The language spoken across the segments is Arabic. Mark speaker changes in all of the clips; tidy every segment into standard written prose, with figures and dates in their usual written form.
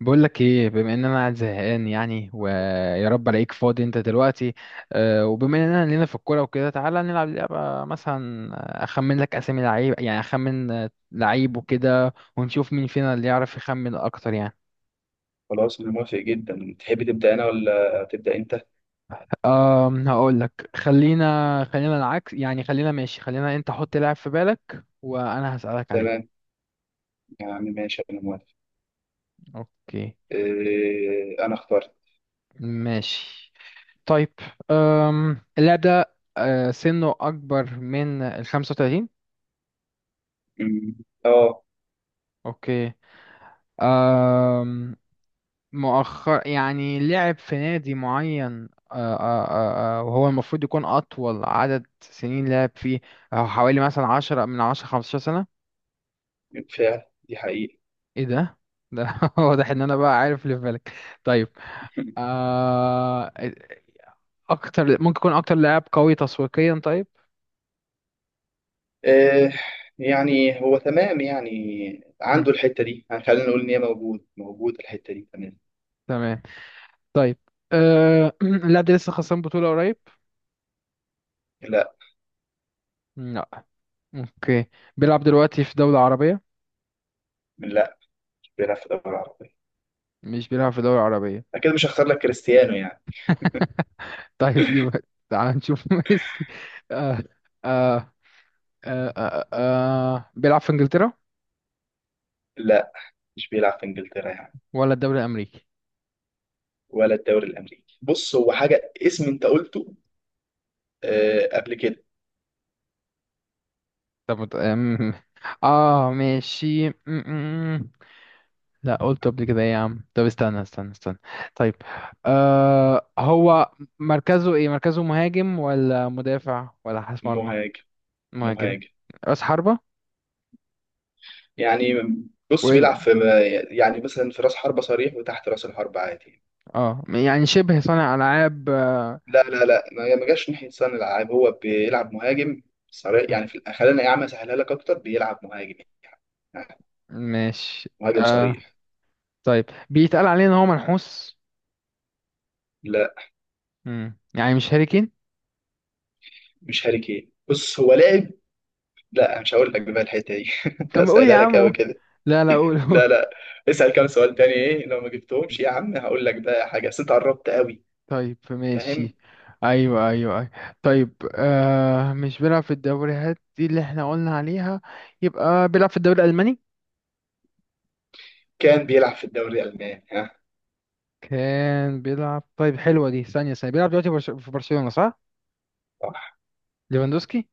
Speaker 1: بقول لك ايه، بما ان انا قاعد زهقان يعني ويا رب الاقيك فاضي انت دلوقتي. وبما اننا لينا في الكوره وكده تعالى نلعب لعبه مثلا. اخمن لك اسامي لعيب، يعني اخمن لعيب وكده ونشوف مين فينا اللي يعرف يخمن اكتر يعني.
Speaker 2: خلاص أنا موافق جدا. تحب تبدأ أنا ولا تبدأ أنت؟
Speaker 1: هقول لك خلينا العكس، يعني خلينا ماشي خلينا انت حط لاعب في بالك وانا هسألك
Speaker 2: تمام.
Speaker 1: عليه.
Speaker 2: يا عم ماشي أنا موافق.
Speaker 1: اوكي.
Speaker 2: إيه أنا اخترت.
Speaker 1: ماشي. طيب. اللاعب ده سنه اكبر من ال 35.
Speaker 2: أمم، آه.
Speaker 1: اوكي. آم، مؤخر يعني لعب في نادي معين، وهو المفروض يكون أطول عدد سنين لعب فيه. حوالي مثلا 10 من 10 15 سنة.
Speaker 2: بالفعل دي حقيقة.
Speaker 1: ايه ده؟ ده واضح ان انا بقى عارف اللي في بالك. طيب. آه، اكتر، ممكن يكون اكتر لاعب قوي تسويقيا. طيب.
Speaker 2: إيه يعني، هو تمام يعني.
Speaker 1: مم.
Speaker 2: عنده الحتة دي، يعني خلينا نقول إن هي موجود الحتة دي، تمام.
Speaker 1: تمام. طيب. اللاعب ده لسه خسران بطولة قريب؟
Speaker 2: لا
Speaker 1: لا. اوكي. بيلعب دلوقتي في دولة عربية؟
Speaker 2: لا، مش بيلعب في الدوري العربي،
Speaker 1: مش بيلعب في دولة عربية.
Speaker 2: أكيد مش هختار لك كريستيانو يعني.
Speaker 1: طيب يبقى تعال نشوف ميسي. آه آه بيلعب في انجلترا
Speaker 2: لا مش بيلعب في إنجلترا يعني،
Speaker 1: ولا الدوري الامريكي؟
Speaker 2: ولا الدوري الأمريكي. بص هو حاجة اسم أنت قلته قبل كده.
Speaker 1: طب اه ماشي. م- م- م. لا، قلت قبل كده إيه يا عم؟ طب استنى استنى استنى. طيب. هو مركزه ايه؟ مركزه مهاجم ولا مدافع ولا حارس مرمى؟
Speaker 2: مهاجم،
Speaker 1: مهاجم
Speaker 2: مهاجم
Speaker 1: راس حربة
Speaker 2: يعني. بص
Speaker 1: وينج؟
Speaker 2: بيلعب في، يعني مثلا في راس حربة صريح وتحت راس الحربة عادي.
Speaker 1: اه، يعني شبه صانع العاب.
Speaker 2: لا لا لا، ما جاش ناحية صانع الألعاب، هو بيلعب مهاجم صريح
Speaker 1: م-
Speaker 2: يعني في خلينا يا عم أسهلها لك أكتر، بيلعب مهاجم يعني،
Speaker 1: ماشي.
Speaker 2: مهاجم
Speaker 1: آه
Speaker 2: صريح.
Speaker 1: طيب، بيتقال عليه ان هو منحوس؟
Speaker 2: لا
Speaker 1: يعني مش هاري كين؟
Speaker 2: مش هاري كين، بص هو لاعب. لا مش هقول لك بقى الحتة دي،
Speaker 1: طب ما قول يا
Speaker 2: أسهلها لك أوي
Speaker 1: عم.
Speaker 2: كده.
Speaker 1: لا لا قول قول.
Speaker 2: لا لا، اسأل كام سؤال تاني، إيه لو ما جبتهمش يا عم هقول لك بقى حاجة، بس أنت قربت أوي،
Speaker 1: طيب
Speaker 2: فاهم.
Speaker 1: ماشي. ايوه ايوه ايوه. طيب. مش بيلعب في الدوريات دي اللي احنا قلنا عليها، يبقى بيلعب في الدوري الالماني؟
Speaker 2: كان بيلعب في الدوري الألماني، ها.
Speaker 1: كان بيلعب؟ طيب حلوه دي. ثانيه ثانيه. بيلعب دلوقتي في برشلونه صح؟
Speaker 2: صح،
Speaker 1: ليفاندوسكي.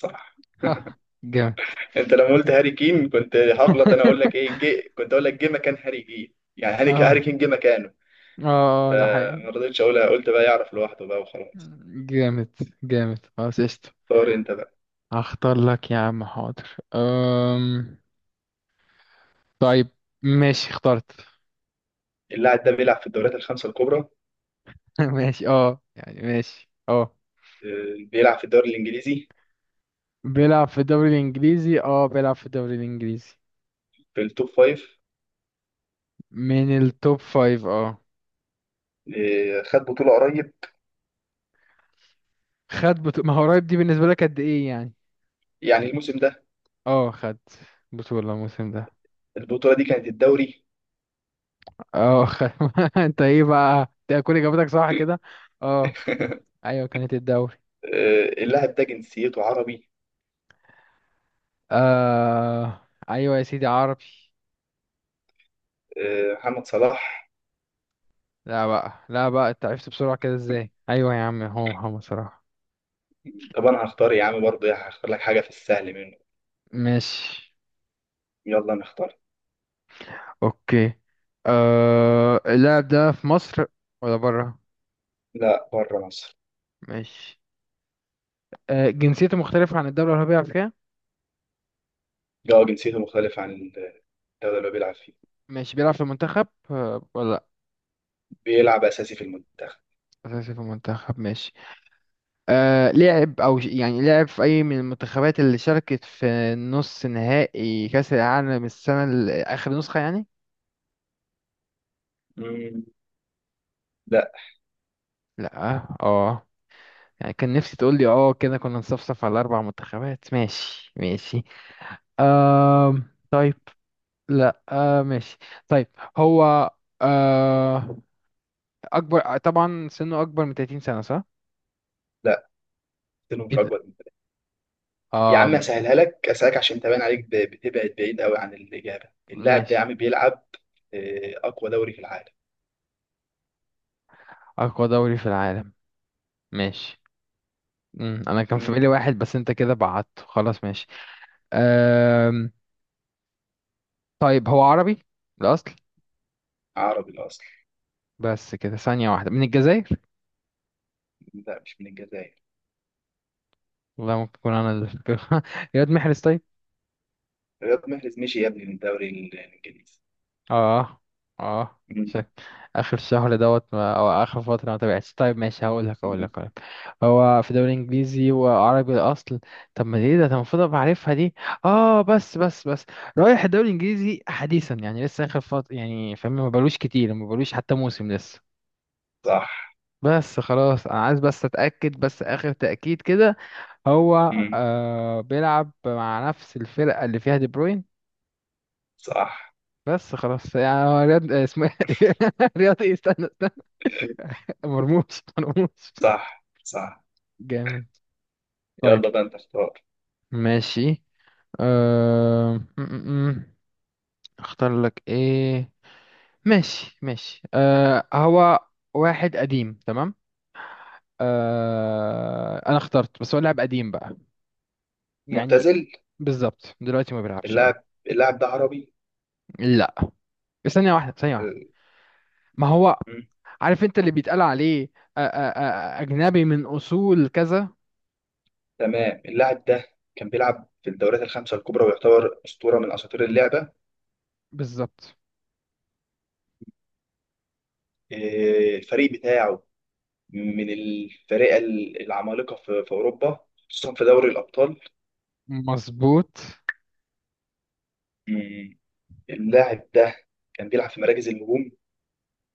Speaker 2: صح.
Speaker 1: ها، جامد.
Speaker 2: انت لما قلت هاري كين كنت هغلط، انا اقول لك ايه، جي كنت اقول لك جه مكان هاري كين، يعني هاري كين هاري
Speaker 1: اه.
Speaker 2: كين جه مكانه،
Speaker 1: اه ده حقيقي.
Speaker 2: فما رضيتش اقولها، قلت بقى يعرف لوحده بقى وخلاص.
Speaker 1: جامد. جامد. خلاص قشطة.
Speaker 2: اختار انت بقى.
Speaker 1: هختار لك يا عم، حاضر. طيب ماشي اخترت.
Speaker 2: اللاعب ده بيلعب في الدوريات الخمسه الكبرى.
Speaker 1: ماشي. اه يعني ماشي. اه،
Speaker 2: بيلعب في الدوري الانجليزي،
Speaker 1: بيلعب في الدوري الانجليزي. اه بيلعب في الدوري الانجليزي.
Speaker 2: في التوب فايف.
Speaker 1: من التوب فايف. اه
Speaker 2: خد بطوله قريب،
Speaker 1: خد بطولة. ما هو قريب دي بالنسبة لك قد ايه يعني؟
Speaker 2: يعني الموسم ده.
Speaker 1: اه خد بطولة الموسم ده.
Speaker 2: البطوله دي كانت الدوري.
Speaker 1: اه خد. انت ايه بقى؟ انت كل اجابتك صح كده. اه. ايوه كانت الدوري.
Speaker 2: اللاعب ده جنسيته عربي.
Speaker 1: ايوه يا سيدي عربي.
Speaker 2: محمد صلاح.
Speaker 1: لا بقى لا بقى انت عرفت بسرعة كده ازاي؟ ايوه يا عم هو محمد صلاح.
Speaker 2: طب انا هختار يا عم برضه يعني، هختار لك حاجه في السهل منه.
Speaker 1: ماشي.
Speaker 2: يلا نختار.
Speaker 1: اوكي. اللاعب ده في مصر ولا بره؟
Speaker 2: لا بره مصر.
Speaker 1: ماشي. جنسيته مختلفة عن الدولة اللي هو بيلعب فيها.
Speaker 2: اه جنسيته مختلف عن الدولة اللي هو بيلعب فيها.
Speaker 1: ماشي. بيلعب في المنتخب ولا لا؟
Speaker 2: بيلعب أساسي في المنتخب.
Speaker 1: أساسي في المنتخب. ماشي. لعب، أو يعني لعب في أي من المنتخبات اللي شاركت في نص نهائي كأس العالم السنة آخر نسخة يعني؟
Speaker 2: مم. لا.
Speaker 1: لا. اه، يعني كان نفسي تقول لي اه، كده كنا نصفصف على أربع منتخبات. ماشي ماشي. آه طيب. لا. ماشي. طيب. هو آه أكبر، طبعا سنه أكبر من 30 سنة صح؟
Speaker 2: لا، سنه
Speaker 1: إيه
Speaker 2: مش
Speaker 1: ده؟
Speaker 2: أكبر من كده. يا عم
Speaker 1: آه
Speaker 2: أسهلها لك، أسألك عشان تبان عليك بتبعد بعيد قوي عن الإجابة. اللاعب ده يا
Speaker 1: ماشي.
Speaker 2: عم بيلعب في أقوى دوري في العالم.
Speaker 1: أقوى دوري في العالم. ماشي. مم. أنا كان في
Speaker 2: مم.
Speaker 1: بالي واحد بس أنت كده بعدته خلاص. ماشي. آه طيب، هو عربي الأصل.
Speaker 2: عربي الأصل.
Speaker 1: بس كده. ثانية واحدة. من الجزائر؟
Speaker 2: لا مش من الجزائر.
Speaker 1: والله ممكن يكون. يا واد محرز طيب.
Speaker 2: رياض محرز، مشي يا ابني، من الدوري الإنجليزي.
Speaker 1: اه. اه
Speaker 2: مم.
Speaker 1: شك. اخر شهر دوت ما او اخر فتره ما تابعتش. طيب ماشي. هقول لك هقول
Speaker 2: مم.
Speaker 1: لك هقول لك، هو في دوري انجليزي وعربي الاصل. طب ما ليه ده؟ انا المفروض ابقى عارفها دي. اه بس بس بس، رايح الدوري الانجليزي حديثا، يعني لسه اخر فتره يعني، فاهم؟ ما بلوش كتير، ما بلوش حتى موسم لسه.
Speaker 2: صح.
Speaker 1: بس خلاص، انا عايز بس اتاكد، بس اخر تاكيد كده. هو
Speaker 2: مم.
Speaker 1: بيلعب مع نفس الفرقه اللي فيها دي بروين؟
Speaker 2: صح،
Speaker 1: بس خلاص. يعني هو رياض اسمه إيه؟ رياض إيه؟ استنى. مرموش. مرموش.
Speaker 2: صح، صح.
Speaker 1: جامد. طيب
Speaker 2: يلا بقى أنت اختار.
Speaker 1: ماشي. أه... م- م- م. اختار لك ايه؟ ماشي ماشي. هو واحد قديم، تمام. انا اخترت بس هو لاعب قديم بقى، يعني
Speaker 2: معتزل.
Speaker 1: بالظبط دلوقتي ما بيلعبش. اه.
Speaker 2: اللاعب ده عربي.
Speaker 1: لا. ثانية واحدة ثانية واحدة. ما هو، عارف انت اللي بيتقال عليه اجنبي من اصول كذا.
Speaker 2: تمام. اللاعب ده كان بيلعب في الدوريات الخمسة الكبرى، ويعتبر أسطورة من أساطير اللعبة.
Speaker 1: بالظبط.
Speaker 2: إيه، الفريق بتاعه من الفرق العمالقة في أوروبا، خصوصا في دوري الأبطال.
Speaker 1: مظبوط.
Speaker 2: مم. اللاعب ده كان بيلعب في مراكز الهجوم.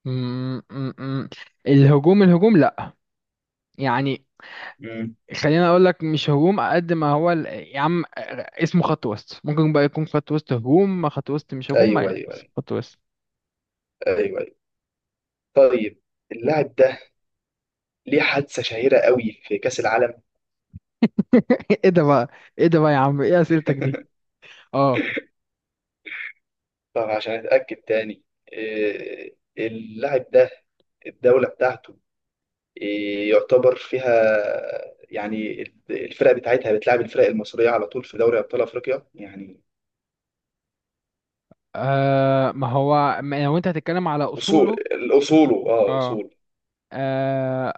Speaker 1: م- م- م. الهجوم الهجوم لا، يعني
Speaker 2: مم.
Speaker 1: خلينا اقول لك مش هجوم قد ما هو يا عم اسمه خط وسط، ممكن بقى يكون خط وسط هجوم، خط وسط مش هجوم ما
Speaker 2: أيوه
Speaker 1: يعني،
Speaker 2: أيوه
Speaker 1: بس
Speaker 2: أيوه
Speaker 1: خط وسط.
Speaker 2: أيوه. طيب. اللاعب ده ليه حادثة شهيرة قوي في كأس العالم.
Speaker 1: ايه ده بقى؟ ايه ده بقى يا عم؟ ايه اسئلتك دي؟ اه.
Speaker 2: طب عشان أتأكد تاني، إيه، اللاعب ده الدولة بتاعته يعتبر فيها، يعني الفرق بتاعتها بتلعب، الفرق المصرية على طول في دوري أبطال أفريقيا يعني.
Speaker 1: ما هو، ما لو انت هتتكلم على
Speaker 2: أصول،
Speaker 1: اصوله؟
Speaker 2: أصوله أه
Speaker 1: اه.
Speaker 2: أصول
Speaker 1: آه،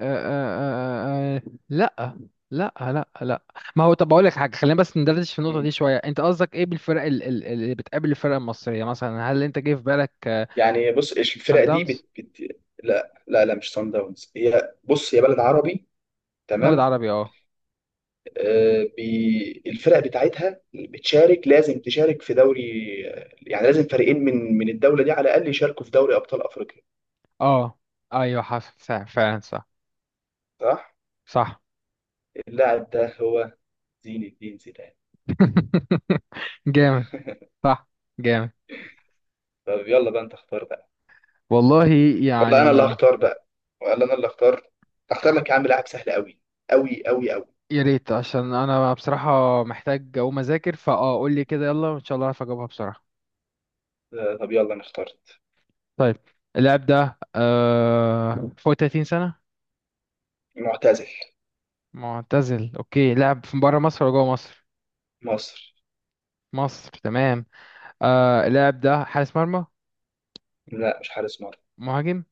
Speaker 1: آه، آه، آه، آه، لا لا لا لا. ما هو، طب اقول لك حاجه، خلينا بس ندردش في النقطه
Speaker 2: مم.
Speaker 1: دي شويه. انت قصدك ايه بالفرق اللي بتقابل الفرق المصريه مثلا؟ هل انت جه في بالك
Speaker 2: يعني بص، إيش
Speaker 1: سان
Speaker 2: الفرق دي
Speaker 1: داونز؟
Speaker 2: لا لا لا مش صن داونز. هي بص، هي بلد عربي،
Speaker 1: بلد
Speaker 2: تمام.
Speaker 1: عربي، اه.
Speaker 2: آه الفرق بتاعتها بتشارك، لازم تشارك في دوري، يعني لازم فريقين من الدولة دي على الأقل يشاركوا في دوري أبطال أفريقيا،
Speaker 1: اه ايوه حصل، صح فعلا. صح.
Speaker 2: صح؟
Speaker 1: صح.
Speaker 2: اللاعب ده هو زين الدين زيدان.
Speaker 1: جامد. صح. جامد.
Speaker 2: طب يلا بقى أنت اختار بقى.
Speaker 1: والله
Speaker 2: والله انا اللي
Speaker 1: يعني
Speaker 2: هختار بقى، ولا انا اللي اختار. هختار لك يا عم لاعب سهل قوي، قوي، قوي، قوي.
Speaker 1: يا ريت، عشان انا بصراحة محتاج اقوم اذاكر. فاه قول لي كده يلا، وان شاء الله اعرف اجاوبها بسرعة.
Speaker 2: طب يلا انا اخترت.
Speaker 1: طيب. اللاعب ده فوق 30 سنة؟
Speaker 2: معتزل.
Speaker 1: معتزل. اوكي. لاعب في بره مصر ولا جوه مصر؟
Speaker 2: مصر.
Speaker 1: مصر. تمام. اللاعب ده حارس مرمى؟
Speaker 2: لا مش حارس مرمى.
Speaker 1: مهاجم.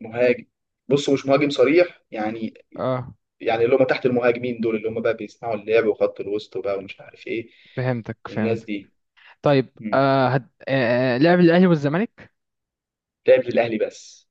Speaker 2: مهاجم. بص مش مهاجم صريح يعني،
Speaker 1: اه
Speaker 2: يعني اللي هم تحت المهاجمين دول، اللي هم بقى بيصنعوا اللعب وخط الوسط وبقى ومش عارف ايه،
Speaker 1: فهمتك
Speaker 2: الناس
Speaker 1: فهمتك.
Speaker 2: دي.
Speaker 1: طيب.
Speaker 2: مم.
Speaker 1: آه هد... آه آه، لعب الاهلي والزمالك؟
Speaker 2: لعب للاهلي بس.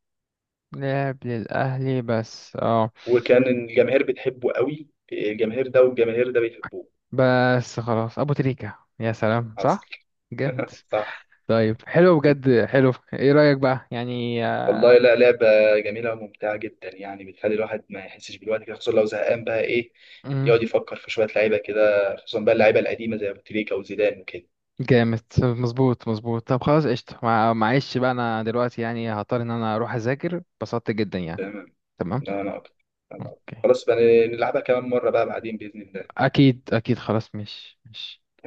Speaker 1: لعب للأهلي بس. اه،
Speaker 2: وكان الجماهير بتحبه قوي، الجماهير ده والجماهير ده بيحبوه.
Speaker 1: بس خلاص. أبو تريكة. يا سلام.
Speaker 2: حصل،
Speaker 1: صح. جامد.
Speaker 2: صح.
Speaker 1: طيب. حلو بجد حلو. ايه رأيك بقى يعني
Speaker 2: والله
Speaker 1: آه،
Speaker 2: لا، لعبة جميلة وممتعة جدا يعني، بتخلي الواحد ما يحسش بالوقت كده، خصوصا لو زهقان بقى، إيه،
Speaker 1: مم،
Speaker 2: يقعد يفكر في شوية لعيبة كده، خصوصا بقى اللعيبة القديمة زي أبو تريكة وزيدان وكده.
Speaker 1: جامد مظبوط مظبوط. طب خلاص قشطة. معلش بقى، أنا دلوقتي يعني هضطر إن أنا أروح أذاكر. اتبسطت جدا يعني.
Speaker 2: تمام.
Speaker 1: تمام.
Speaker 2: لا أنا أكتر، أنا أكتر.
Speaker 1: أوكي.
Speaker 2: خلاص بقى، نلعبها كمان مرة بقى بعدين بإذن الله.
Speaker 1: أكيد أكيد خلاص. مش